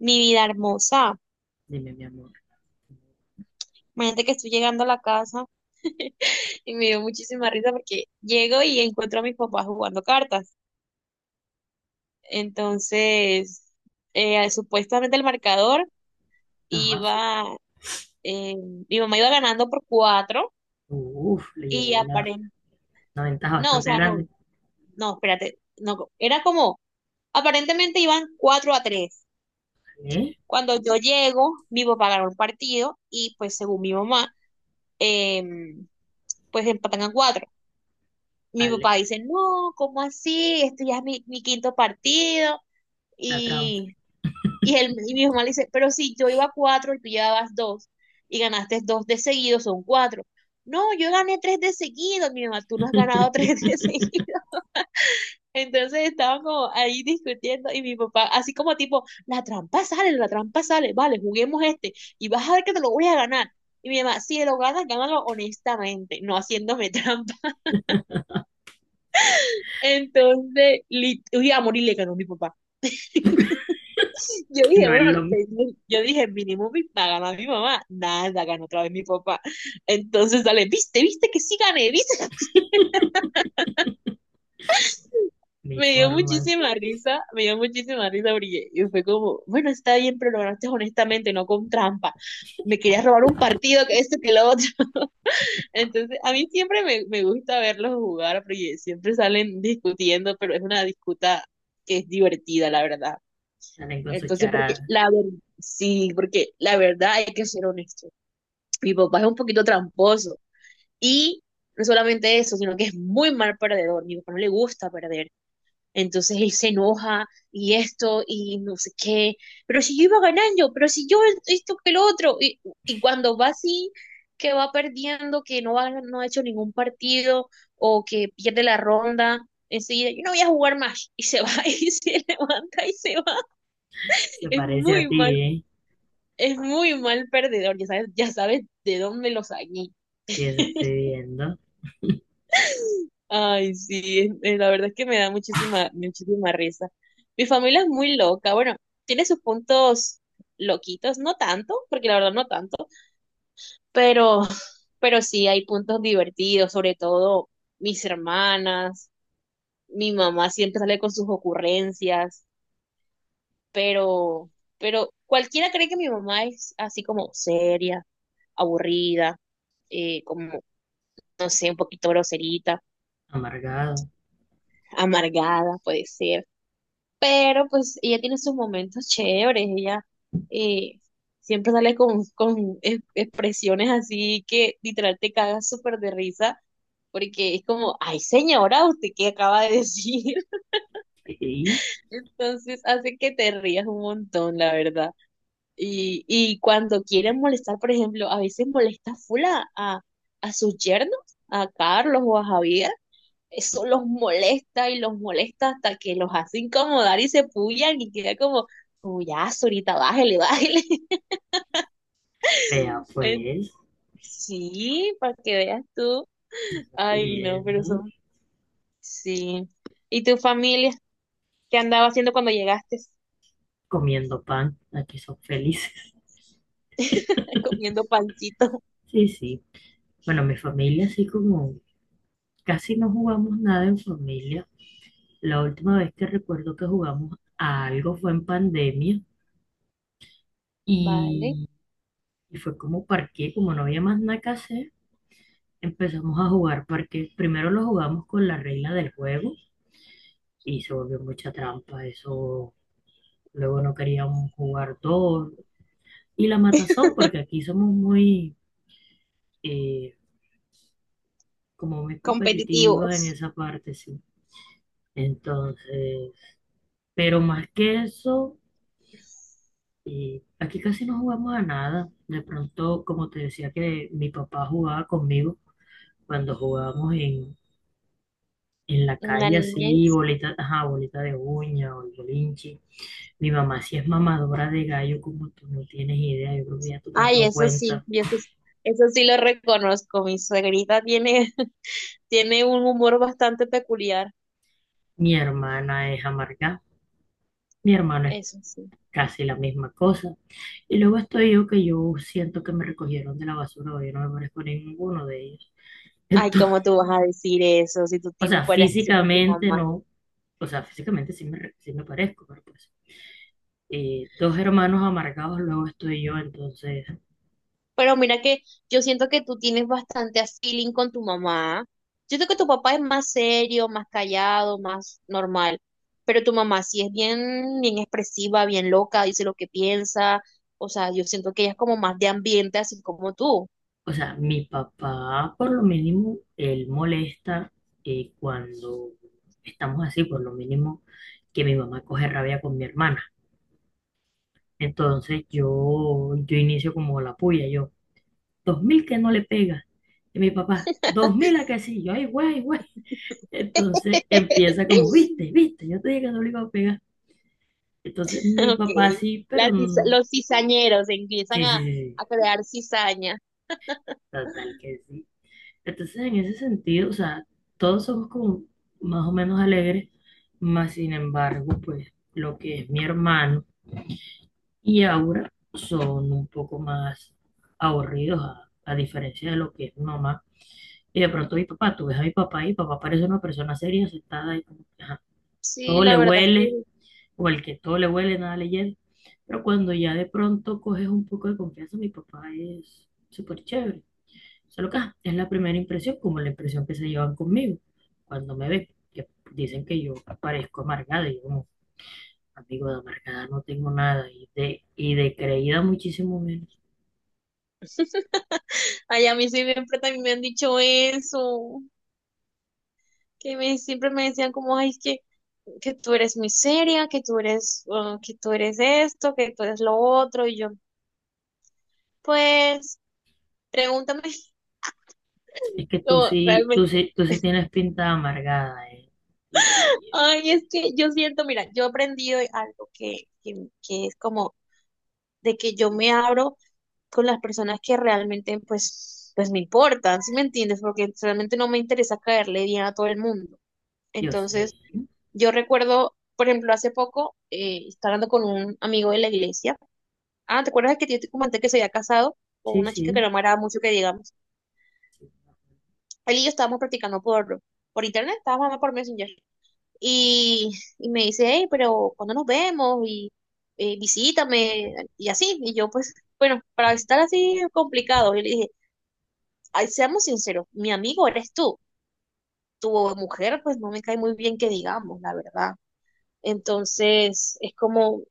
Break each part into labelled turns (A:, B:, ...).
A: Mi vida hermosa.
B: Dime, mi amor.
A: Imagínate que estoy llegando a la casa y me dio muchísima risa porque llego y encuentro a mis papás jugando cartas. Entonces, supuestamente el marcador
B: Ajá, sí.
A: iba, eh, mi mamá iba ganando por cuatro
B: Uf, le lleva
A: y aparentemente,
B: una ventaja
A: no, o
B: bastante
A: sea, no,
B: grande.
A: no, espérate, no, era como, aparentemente iban 4-3.
B: Vale,
A: Cuando yo llego, mi papá ganó el partido y pues según mi mamá, em, pues empatan a cuatro. Mi
B: vale.
A: papá dice, no, ¿cómo así? Esto ya es mi quinto partido.
B: La trampa,
A: Y, y mi mamá le dice, pero si yo iba a cuatro y tú llevabas dos y ganaste dos de seguido, son cuatro. No, yo gané tres de seguido, mi mamá, tú no has ganado tres de seguido. Entonces estaban como ahí discutiendo y mi papá, así como tipo, la trampa sale, vale, juguemos este y vas a ver que te lo voy a ganar. Y mi mamá, si lo ganas, gánalo honestamente, no haciéndome trampa. Entonces, uy, a morir le ganó mi papá. Yo
B: que
A: dije,
B: no es
A: bueno,
B: lo mi
A: yo dije, mínimo va a ganar mi mamá. Nada, ganó otra vez mi papá. Entonces, dale, viste, viste que sí gané, viste.
B: mi
A: Me dio
B: forma.
A: muchísima risa, me dio muchísima risa porque y fue como, bueno, está bien, pero lo ganaste honestamente, no con trampa. Me querías robar un partido, que esto, que lo otro. Entonces, a mí siempre me gusta verlos jugar porque siempre salen discutiendo, pero es una disputa que es divertida, la verdad.
B: Salen con sus
A: Entonces, porque
B: charadas.
A: la verdad, sí, porque la verdad hay que ser honesto. Mi papá es un poquito tramposo y no solamente eso, sino que es muy mal perdedor. Mi papá no le gusta perder. Entonces él se enoja y esto y no sé qué. Pero si yo iba ganando, pero si yo esto que lo otro. Y cuando va así, que va perdiendo, que no, va, no ha hecho ningún partido o que pierde la ronda, enseguida yo no voy a jugar más. Y se va y se levanta y se va.
B: Se
A: Es
B: parece a
A: muy
B: ti,
A: mal
B: ¿eh?
A: es muy mal perdedor, ya sabes de dónde lo saqué.
B: Sí, eso estoy viendo.
A: Ay, sí, la verdad es que me da muchísima, muchísima risa. Mi familia es muy loca, bueno, tiene sus puntos loquitos, no tanto, porque la verdad no tanto, pero, pero sí hay puntos divertidos, sobre todo mis hermanas, mi mamá siempre sale con sus ocurrencias, pero, cualquiera cree que mi mamá es así como seria, aburrida, como no sé, un poquito groserita,
B: Amargado.
A: amargada, puede ser. Pero pues ella tiene sus momentos chéveres, ella, eh, siempre sale con, expresiones así que literal te cagas súper de risa, porque es como, ay señora, ¿usted qué acaba de decir?
B: Sí,
A: Entonces hace que te rías un montón, la verdad. Y cuando quieren molestar, por ejemplo, a veces molesta full a sus yernos, a Carlos o a Javier. Eso los molesta y los molesta hasta que los hace incomodar y se pullan y queda como, ya, ahorita bájele, bájele.
B: vea
A: Eh,
B: pues,
A: Sí, para que veas tú.
B: lo estoy
A: Ay, no, pero
B: viendo.
A: son, sí. ¿Y tu familia? ¿Qué andaba haciendo cuando llegaste?
B: Comiendo pan. Aquí son felices.
A: Comiendo pancito.
B: Sí, sí. Bueno, mi familia así como casi no jugamos nada en familia. La última vez que recuerdo que jugamos a algo fue en pandemia.
A: Vale.
B: Y y fue como parqué, como no había más nada que hacer, empezamos a jugar parqué. Primero lo jugamos con la regla del juego y se volvió mucha trampa. Eso luego no queríamos jugar dos. Y la matazón, porque aquí somos muy, eh, como muy competitivos en
A: Competitivos.
B: esa parte, sí. Entonces, pero más que eso, aquí casi no jugamos a nada. De pronto, como te decía que mi papá jugaba conmigo cuando jugábamos en la
A: La
B: calle así,
A: niñez.
B: bolita, ajá, bolita de uña o el bolinchi. Mi mamá sí es mamadora de gallo, como tú no tienes idea. Yo creo que ya tú te has
A: Ay,
B: dado
A: eso sí,
B: cuenta.
A: eso sí lo reconozco. Mi suegrita tiene, tiene un humor bastante peculiar.
B: Mi hermana es amargada. Mi hermano es
A: Eso sí.
B: casi la misma cosa. Y luego estoy yo que yo siento que me recogieron de la basura o yo no me parezco a ninguno de ellos.
A: Ay,
B: Entonces,
A: ¿cómo tú vas a decir eso si tú
B: o
A: tienes
B: sea,
A: varias cosas con tu
B: físicamente
A: mamá?
B: no. O sea, físicamente sí me, re- sí me parezco, pero pues. Dos hermanos amargados, luego estoy yo, entonces.
A: Pero mira que yo siento que tú tienes bastante feeling con tu mamá. Yo siento que tu papá es más serio, más callado, más normal, pero tu mamá sí es bien, bien expresiva, bien loca, dice lo que piensa. O sea, yo siento que ella es como más de ambiente, así como tú.
B: O sea, mi papá, por lo mínimo, él molesta cuando estamos así, por lo mínimo, que mi mamá coge rabia con mi hermana. Entonces yo inicio como la puya, yo, 2000 que no le pega. Y mi papá, 2000 a que sí, yo, ay, güey, ay, güey. Entonces empieza como, viste, viste, yo te dije que no le iba a pegar. Entonces mi
A: Ok.
B: papá sí,
A: Las
B: pero
A: los cizañeros empiezan
B: sí, sí,
A: a,
B: sí, sí,
A: crear cizaña.
B: total que sí. Entonces, en ese sentido, o sea, todos somos como más o menos alegres, más sin embargo, pues lo que es mi hermano y Aura son un poco más aburridos, a diferencia de lo que es mi mamá. Y de pronto mi papá, tú ves a mi papá y mi papá parece una persona seria, sentada y como que, ajá,
A: Sí,
B: todo
A: la
B: le
A: verdad es
B: huele,
A: que...
B: o el que todo le huele, nada le llega. Pero cuando ya de pronto coges un poco de confianza, mi papá es súper chévere. Solo que ajá, es la primera impresión, como la impresión que se llevan conmigo cuando me ven, que dicen que yo parezco amargada, y yo como amigo de amargada no tengo nada, y de creída muchísimo menos.
A: Ay, a mí siempre también me han dicho eso, que siempre me decían como, ay, es que tú eres muy seria, que tú eres esto, que tú eres lo otro, y yo, pues, pregúntame.
B: Es que
A: No, realmente,
B: tú sí tienes pinta de amargada, eh. Y,
A: ay, es que yo siento, mira, yo he aprendido algo, que es como de que yo me abro con las personas que realmente, pues me importan, ¿si me entiendes? Porque realmente no me interesa caerle bien a todo el mundo.
B: y yo sé,
A: Entonces,
B: ¿eh?
A: yo recuerdo, por ejemplo, hace poco, estaba hablando con un amigo de la iglesia. Ah, ¿te acuerdas que yo te comenté que se había casado con
B: Sí,
A: una chica que
B: sí.
A: no me agrada mucho que digamos?
B: Sí.
A: Él y yo estábamos practicando por internet, estábamos hablando por Messenger. Y, y me dice, hey, pero ¿cuándo nos vemos? Y, visítame, y así. Y yo, pues, bueno, para estar así es complicado. Yo le dije, "Ay, seamos sinceros, mi amigo eres tú. Tu mujer, pues no me cae muy bien que digamos, la verdad". Entonces, es como,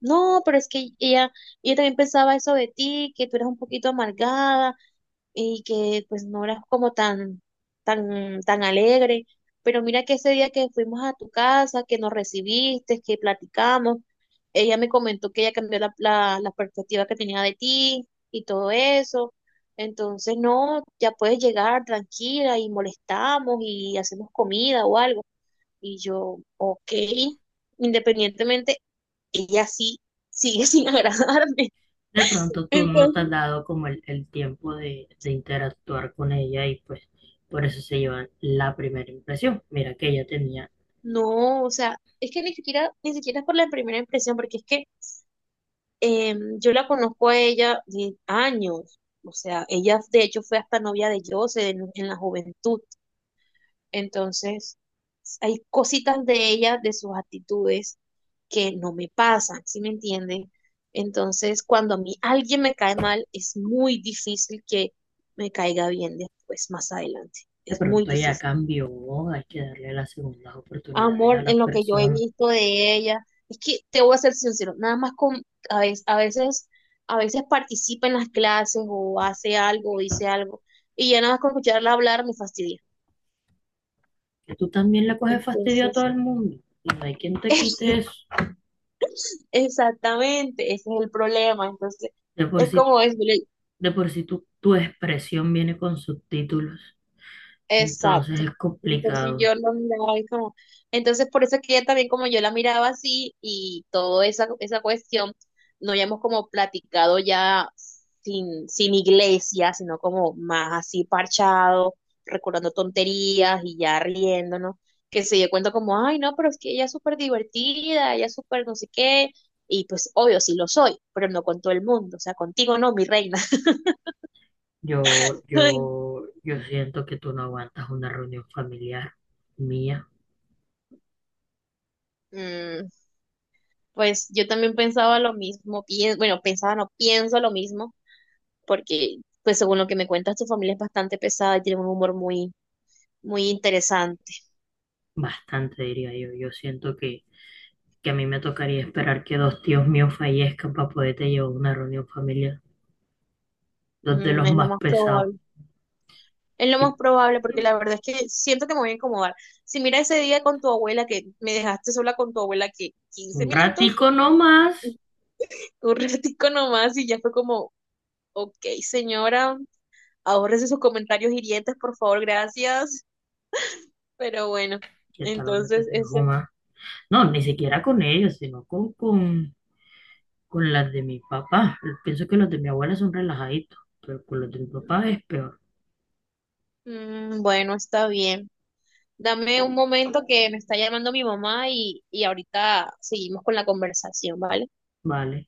A: no, pero es que ella también pensaba eso de ti, que tú eras un poquito amargada y que pues no eras como tan, tan, tan alegre. Pero mira que ese día que fuimos a tu casa, que nos recibiste, que platicamos, ella me comentó que ella cambió la perspectiva que tenía de ti y todo eso. Entonces, no, ya puedes llegar tranquila y molestamos y hacemos comida o algo. Y yo, ok, independientemente ella sí sigue sin agradarme.
B: De pronto tú no te
A: Entonces,
B: has dado como el tiempo de interactuar con ella y pues por eso se llevan la primera impresión. Mira que ella tenía.
A: no, o sea, es que ni siquiera, ni siquiera es por la primera impresión, porque es que, yo la conozco a ella de años. O sea, ella de hecho fue hasta novia de Jose en la juventud. Entonces, hay cositas de ella, de sus actitudes, que no me pasan, ¿sí me entienden? Entonces, cuando a mí alguien me cae mal, es muy difícil que me caiga bien después, más adelante.
B: De
A: Es muy
B: pronto ella
A: difícil.
B: cambió, hay que darle las segundas oportunidades
A: Amor,
B: a
A: en
B: las
A: lo que yo he
B: personas.
A: visto de ella. Es que te voy a ser sincero, nada más con, a veces, a veces, a veces participa en las clases o hace algo o dice algo y ya nada más con escucharla hablar me fastidia.
B: Que tú también le coges fastidio a todo
A: Entonces,
B: el mundo y no hay quien te quite eso.
A: exactamente, ese es el problema. Entonces,
B: De por
A: es
B: sí,
A: como es.
B: de por sí tu expresión viene con subtítulos, entonces
A: Exacto.
B: es
A: Entonces
B: complicado.
A: yo lo miraba y como, entonces por eso es que ella también como yo la miraba así y toda esa cuestión, no habíamos como platicado ya sin iglesia, sino como más así parchado, recordando tonterías y ya riéndonos, que se dio cuenta como, ay no, pero es que ella es súper divertida, ella es súper no sé qué, y pues obvio sí lo soy, pero no con todo el mundo, o sea, contigo no, mi reina.
B: Yo, yo, yo siento que tú no aguantas una reunión familiar mía,
A: Mm, pues yo también pensaba lo mismo, bueno, pensaba, no pienso lo mismo, porque pues según lo que me cuentas, tu familia es bastante pesada y tiene un humor muy, muy interesante.
B: bastante diría yo. Yo siento que a mí me tocaría esperar que dos tíos míos fallezcan para poderte llevar a una reunión familiar, dos de
A: Mm,
B: los
A: es lo
B: más
A: más
B: pesados.
A: probable. Es lo
B: Y
A: más probable, porque la verdad es que siento que me voy a incomodar. Si mira ese día con tu abuela, que me dejaste sola con tu abuela, que quince
B: un
A: minutos,
B: ratico nomás,
A: un ratico nomás, y ya fue como, ok, señora, ahórrese sus comentarios hirientes, por favor, gracias. Pero bueno,
B: que hasta donde te
A: entonces
B: dejo
A: ese...
B: más. No, ni siquiera con ellos, sino con las de mi papá. Pienso que los de mi abuela son relajaditos, pero con los de mi papá es peor.
A: Mm, bueno, está bien. Dame un momento que me está llamando mi mamá y ahorita seguimos con la conversación, ¿vale?
B: Vale.